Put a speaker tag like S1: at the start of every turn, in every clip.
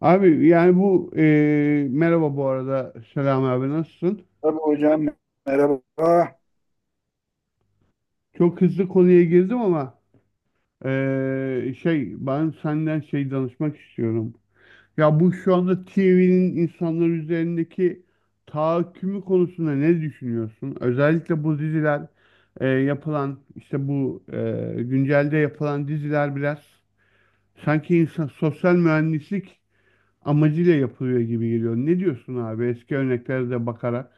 S1: Abi, yani merhaba bu arada. Selam abi, nasılsın?
S2: Tabii hocam merhaba.
S1: Çok hızlı konuya girdim ama. Şey, ben senden şey danışmak istiyorum. Ya bu şu anda TV'nin insanlar üzerindeki tahakkümü konusunda ne düşünüyorsun? Özellikle bu diziler, yapılan işte güncelde yapılan diziler biraz sanki insan sosyal mühendislik amacıyla yapılıyor gibi geliyor. Ne diyorsun abi, eski örneklere de bakarak?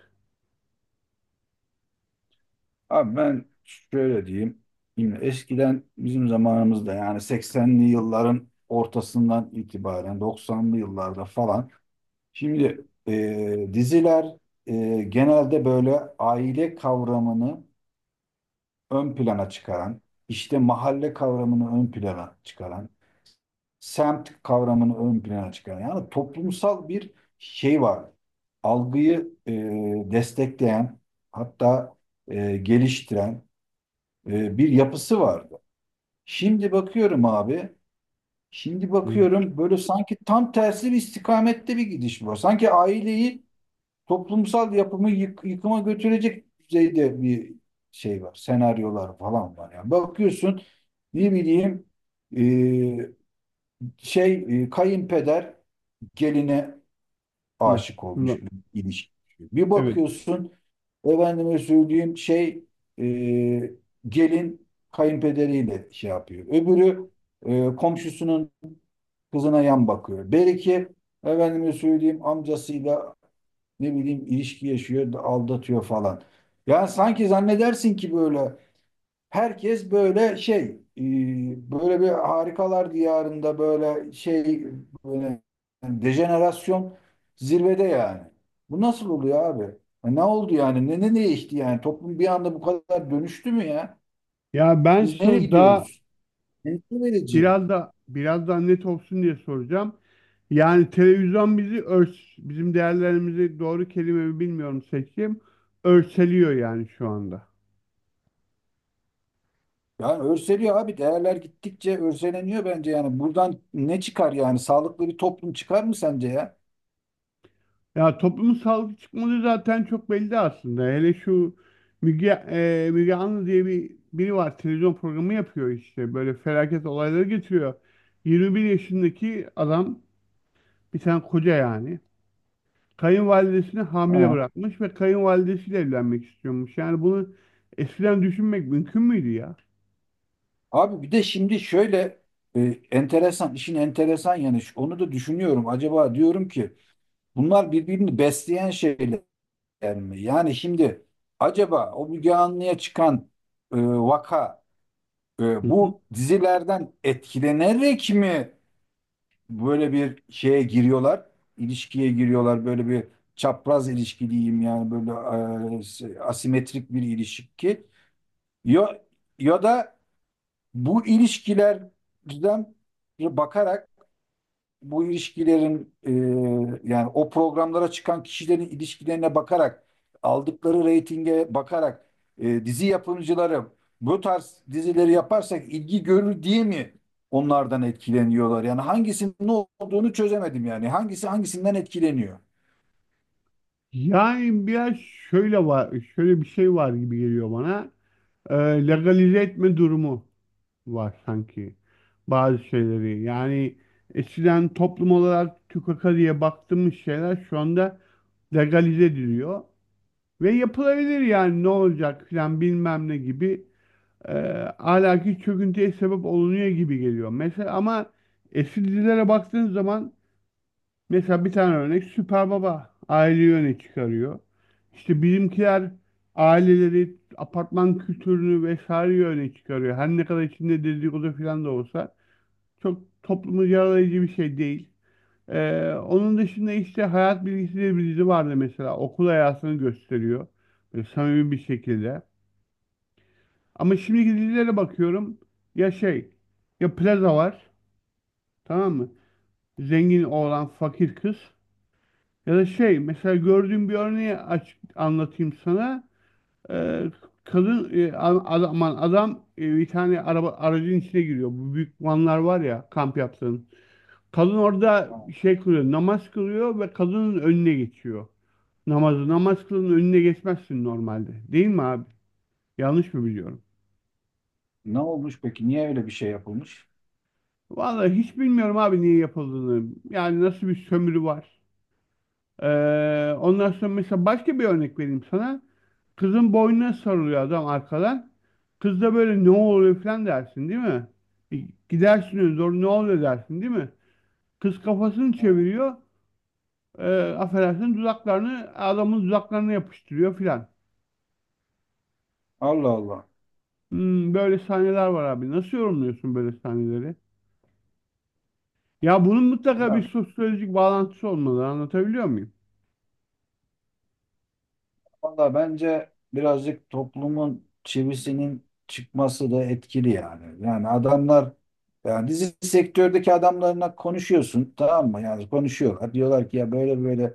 S2: Abi ben şöyle diyeyim. Şimdi eskiden bizim zamanımızda yani 80'li yılların ortasından itibaren 90'lı yıllarda falan. Şimdi diziler genelde böyle aile kavramını ön plana çıkaran, işte mahalle kavramını ön plana çıkaran, semt kavramını ön plana çıkaran yani toplumsal bir şey var. Algıyı destekleyen, hatta geliştiren bir yapısı vardı. Şimdi bakıyorum abi, şimdi bakıyorum böyle sanki tam tersi bir istikamette bir gidiş var. Sanki aileyi toplumsal yapımı yıkıma götürecek düzeyde bir şey var. Senaryolar falan var. Yani bakıyorsun, ne bileyim, e, şey, kayınpeder geline
S1: Hı,
S2: aşık olmuş
S1: şuradan.
S2: bir ilişki. Bir
S1: Evet.
S2: bakıyorsun efendime söyleyeyim şey, e, gelin kayınpederiyle şey yapıyor. Öbürü komşusunun kızına yan bakıyor. Beriki efendime söyleyeyim amcasıyla, ne bileyim, ilişki yaşıyor, aldatıyor falan. Yani sanki zannedersin ki böyle herkes böyle şey, böyle bir harikalar diyarında, böyle şey, böyle yani dejenerasyon zirvede yani. Bu nasıl oluyor abi? Ya, ne oldu yani? Ne değişti yani? Toplum bir anda bu kadar dönüştü mü ya?
S1: Ya ben
S2: Biz nereye
S1: sana daha
S2: gidiyoruz? Endişe verici.
S1: biraz daha net olsun diye soracağım. Yani televizyon bizi örs, bizim değerlerimizi doğru kelime mi bilmiyorum seçeyim. Örseliyor yani şu anda.
S2: Yani örseliyor abi. Değerler gittikçe örseleniyor bence yani. Buradan ne çıkar yani? Sağlıklı bir toplum çıkar mı sence ya?
S1: Ya toplumun sağlıklı çıkmadığı zaten çok belli aslında. Hele şu Müge Anlı diye bir biri var. Televizyon programı yapıyor işte. Böyle felaket olayları getiriyor. 21 yaşındaki adam, bir tane koca yani, kayınvalidesini hamile
S2: Ha.
S1: bırakmış ve kayınvalidesiyle evlenmek istiyormuş. Yani bunu eskiden düşünmek mümkün müydü ya?
S2: Abi bir de şimdi şöyle e, enteresan, işin enteresan yanı şu, onu da düşünüyorum. Acaba diyorum ki bunlar birbirini besleyen şeyler mi? Yani şimdi acaba o Müge Anlı'ya çıkan vaka
S1: Hı hı.
S2: bu dizilerden etkilenerek mi böyle bir şeye giriyorlar? İlişkiye giriyorlar, böyle bir çapraz ilişki diyeyim yani, böyle asimetrik bir ilişki. Ya, ya da bu ilişkilerden bakarak, bu ilişkilerin yani o programlara çıkan kişilerin ilişkilerine bakarak, aldıkları reytinge bakarak, dizi yapımcıları bu tarz dizileri yaparsak ilgi görür diye mi onlardan etkileniyorlar? Yani hangisinin ne olduğunu çözemedim yani. Hangisi hangisinden etkileniyor?
S1: Yani biraz şöyle var, şöyle bir şey var gibi geliyor bana. Ee, legalize etme durumu var sanki bazı şeyleri. Yani eskiden toplum olarak tükaka diye baktığımız şeyler şu anda legalize ediliyor. Ve yapılabilir yani, ne olacak filan bilmem ne gibi e, ahlaki çöküntüye sebep olunuyor gibi geliyor. Mesela ama eski dizilere baktığın zaman, mesela bir tane örnek, Süper Baba, aileyi öne çıkarıyor. İşte bizimkiler aileleri, apartman kültürünü vesaire öne çıkarıyor. Her ne kadar içinde dedikodu falan da olsa çok toplumu yaralayıcı bir şey değil. E, onun dışında işte Hayat Bilgisi diye bir dizi vardı mesela. Okul hayatını gösteriyor. Böyle samimi bir şekilde. Ama şimdiki dizilere bakıyorum. Ya şey, ya plaza var. Tamam mı? Zengin oğlan, fakir kız. Ya da şey, mesela gördüğüm bir örneği aç, anlatayım sana. Ee, kadın, e, a- adam, aman adam e, bir tane aracın içine giriyor. Bu büyük vanlar var ya, kamp yaptığın. Kadın orada
S2: Ha,
S1: şey kılıyor, namaz kılıyor ve kadının önüne geçiyor. Namazı, namaz kılının önüne geçmezsin normalde. Değil mi abi? Yanlış mı biliyorum?
S2: ne olmuş peki? Niye öyle bir şey yapılmış?
S1: Vallahi hiç bilmiyorum abi niye yapıldığını. Yani nasıl bir sömürü var. Ondan sonra mesela başka bir örnek vereyim sana. Kızın boynuna sarılıyor adam arkadan. Kız da böyle ne oluyor falan dersin değil mi? E, Gidersin öyle, doğru, ne oluyor dersin değil mi? Kız kafasını
S2: Ha.
S1: çeviriyor. E, affedersin, dudaklarını adamın dudaklarına yapıştırıyor filan.
S2: Allah Allah.
S1: Böyle sahneler var abi. Nasıl yorumluyorsun böyle sahneleri? Ya bunun mutlaka bir
S2: Ya,
S1: sosyolojik bağlantısı olmalı. Anlatabiliyor muyum?
S2: valla bence birazcık toplumun çivisinin çıkması da etkili yani. Yani adamlar yani dizi sektördeki adamlarla konuşuyorsun, tamam mı? Yani konuşuyorlar. Diyorlar ki ya böyle böyle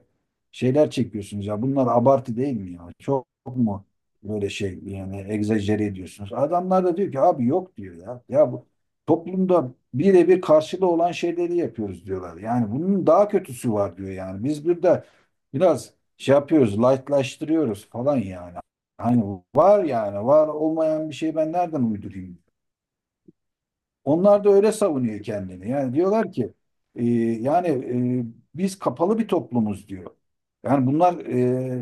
S2: şeyler çekiyorsunuz ya. Bunlar abartı değil mi ya? Çok mu böyle şey yani egzajere ediyorsunuz? Adamlar da diyor ki abi, yok diyor ya. Ya bu toplumda birebir karşılığı olan şeyleri yapıyoruz diyorlar. Yani bunun daha kötüsü var diyor yani. Biz burada biraz şey yapıyoruz, lightlaştırıyoruz falan yani. Hani var yani, var olmayan bir şeyi ben nereden uydurayım? Onlar da öyle savunuyor kendini. Yani diyorlar ki e, yani e, biz kapalı bir toplumuz diyor. Yani bunlar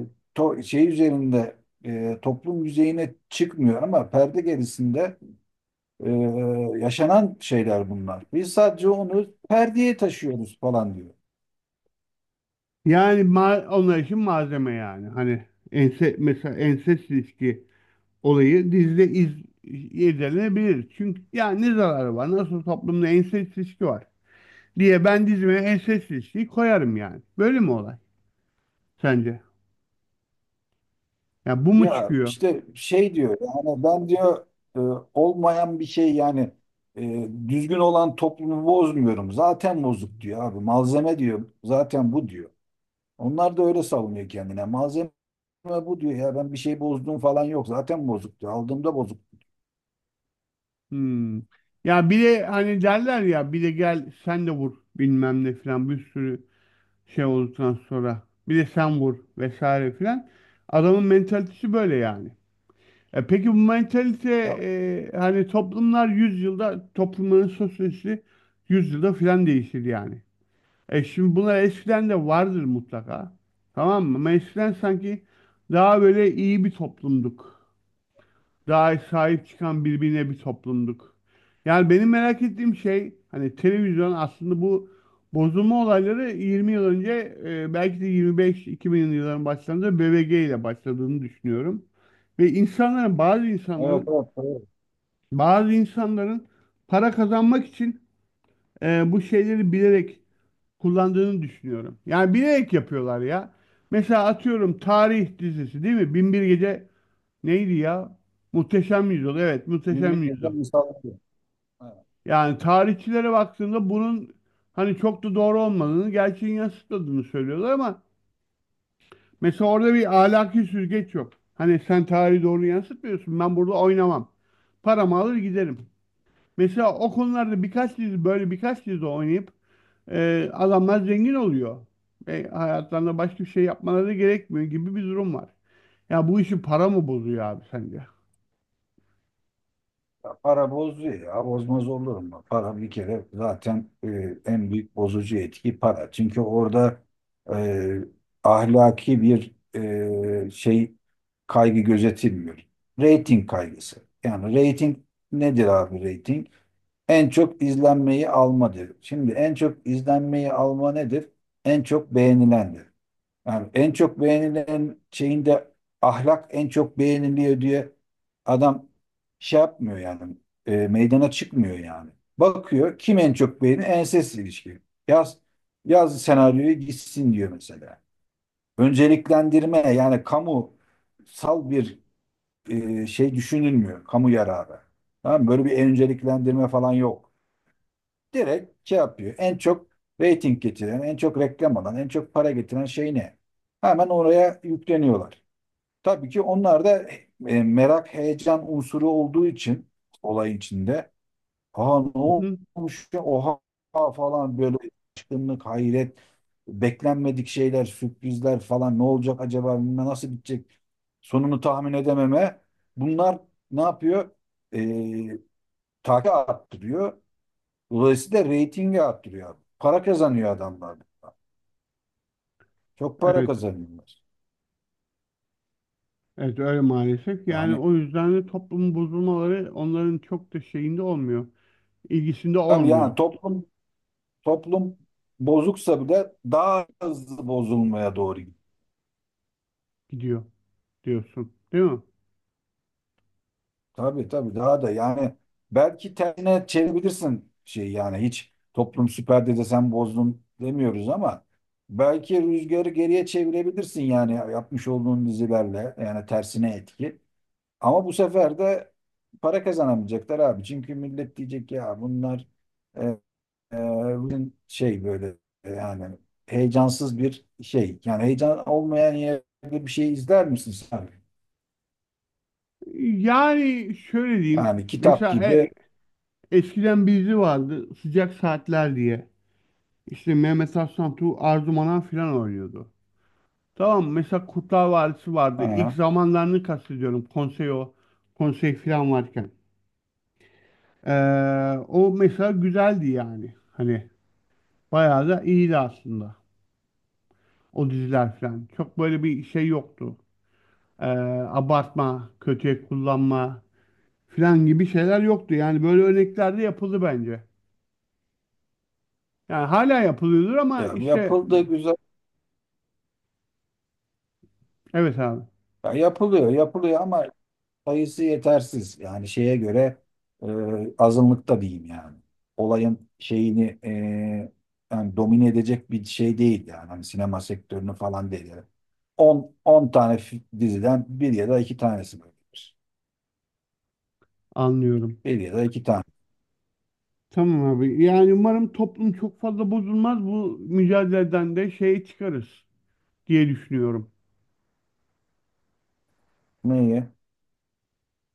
S2: şey üzerinde toplum yüzeyine çıkmıyor ama perde gerisinde e, yaşanan şeyler bunlar. Biz sadece onu perdeye taşıyoruz falan diyor.
S1: Yani ma onlar için malzeme yani. Hani mesela ensest ilişki olayı dizide irdelenebilir. Çünkü ya ne zararı var? Nasıl toplumda ensest ilişki var diye ben dizime ensest ilişkiyi koyarım yani. Böyle mi olay sence? Ya bu mu
S2: Ya
S1: çıkıyor?
S2: işte şey diyor yani, ben diyor e, olmayan bir şey yani, düzgün olan toplumu bozmuyorum. Zaten bozuk diyor abi. Malzeme diyor. Zaten bu diyor. Onlar da öyle savunuyor kendine. Malzeme bu diyor, ya ben bir şey bozduğum falan yok. Zaten bozuk diyor. Aldığımda bozuk.
S1: Hmm. Ya bir de hani derler ya, bir de gel sen de vur bilmem ne filan, bir sürü şey olduktan sonra bir de sen vur vesaire filan. Adamın mentalitesi böyle yani. E peki bu mentalite,
S2: Ya,
S1: hani toplumlar yüzyılda, toplumların sosyolojisi yüzyılda filan değişir yani. E şimdi bunlar eskiden de vardır mutlaka. Tamam mı? Ama eskiden sanki daha böyle iyi bir toplumduk. Daha sahip çıkan birbirine bir toplumduk. Yani benim merak ettiğim şey, hani televizyon aslında, bu bozulma olayları 20 yıl önce, belki de 25-2000 yılların başlarında BBG ile başladığını düşünüyorum. Ve insanların,
S2: evet, evet. Evet.
S1: bazı insanların para kazanmak için bu şeyleri bilerek kullandığını düşünüyorum. Yani bilerek yapıyorlar ya. Mesela atıyorum tarih dizisi değil mi? Bin bir Gece neydi ya? Muhteşem Yüzyıl. Evet, Muhteşem Yüzyıl.
S2: Bilmiyorum. Misal.
S1: Yani tarihçilere baktığında bunun hani çok da doğru olmadığını, gerçeğin yansıtmadığını söylüyorlar ama mesela orada bir ahlaki süzgeç yok. Hani sen tarihi doğru yansıtmıyorsun. Ben burada oynamam. Paramı alır giderim. Mesela o konularda birkaç dizi, böyle birkaç dizi oynayıp adamlar zengin oluyor. Ve hayatlarında başka bir şey yapmaları da gerekmiyor gibi bir durum var. Ya bu işi para mı bozuyor abi sence?
S2: Ya, para bozuyor ya. Bozmaz olur mu? Para bir kere zaten en büyük bozucu etki para. Çünkü orada e, ahlaki bir şey kaygı gözetilmiyor. Rating kaygısı. Yani rating nedir abi, rating? En çok izlenmeyi almadır. Şimdi en çok izlenmeyi alma nedir? En çok beğenilendir. Yani en çok beğenilen şeyinde ahlak en çok beğeniliyor diye adam şey yapmıyor yani, meydana çıkmıyor yani. Bakıyor kim en çok beğeni, enses ilişki. Yaz, yaz senaryoyu gitsin diyor mesela. Önceliklendirme yani kamusal bir şey düşünülmüyor. Kamu yararı. Tamam mı? Böyle bir önceliklendirme falan yok. Direkt şey yapıyor. En çok rating getiren, en çok reklam alan, en çok para getiren şey ne? Hemen oraya yükleniyorlar. Tabii ki onlar da merak, heyecan unsuru olduğu için olay içinde. Aa, ne
S1: Hı.
S2: olmuş ya? Oha falan, böyle şaşkınlık, hayret, beklenmedik şeyler, sürprizler falan, ne olacak acaba, bilmem nasıl bitecek, sonunu tahmin edememe, bunlar ne yapıyor? E, takip arttırıyor. Dolayısıyla reytingi arttırıyor, abi. Para kazanıyor adamlar. Çok para
S1: Evet,
S2: kazanıyorlar.
S1: evet, öyle maalesef. Yani
S2: Yani
S1: o yüzden de toplumun bozulmaları onların çok da şeyinde olmuyor. İlgisinde
S2: abi,
S1: olmuyor.
S2: yani toplum, toplum bozuksa bile daha hızlı bozulmaya doğru gidiyor.
S1: Gidiyor diyorsun, değil mi?
S2: Tabii, tabii, daha da yani belki tersine çevirebilirsin şey yani, hiç toplum süper dede sen bozdun demiyoruz ama belki rüzgarı geriye çevirebilirsin yani, yapmış olduğun dizilerle yani, tersine etki. Ama bu sefer de para kazanamayacaklar abi. Çünkü millet diyecek ya, bunlar e, e, bugün şey böyle yani heyecansız bir şey. Yani heyecan olmayan yerde bir şey izler misin sen?
S1: Yani şöyle diyeyim.
S2: Yani kitap
S1: Mesela
S2: gibi.
S1: eskiden bir dizi vardı Sıcak Saatler diye. İşte Mehmet Aslantu, Arzu Manan filan oynuyordu. Tamam, mesela Kurtlar Vadisi vardı. İlk
S2: Ha,
S1: zamanlarını kastediyorum. Konsey o. Konsey filan varken. O mesela güzeldi yani. Hani bayağı da iyiydi aslında. O diziler filan. Çok böyle bir şey yoktu. Ee, abartma, kötüye kullanma filan gibi şeyler yoktu. Yani böyle örnekler de yapıldı bence. Yani hala yapılıyordur ama
S2: ya
S1: işte
S2: yapıldı güzel.
S1: evet abi,
S2: Ya, yapılıyor, yapılıyor ama sayısı yetersiz. Yani şeye göre e, azınlıkta diyeyim yani. Olayın şeyini yani domine edecek bir şey değil yani. Hani sinema sektörünü falan değil. Yani 10 tane diziden bir ya da iki tanesi böyledir.
S1: anlıyorum.
S2: Bir ya da iki tane.
S1: Tamam abi. Yani umarım toplum çok fazla bozulmaz. Bu mücadeleden de şey çıkarız diye düşünüyorum.
S2: Neyi?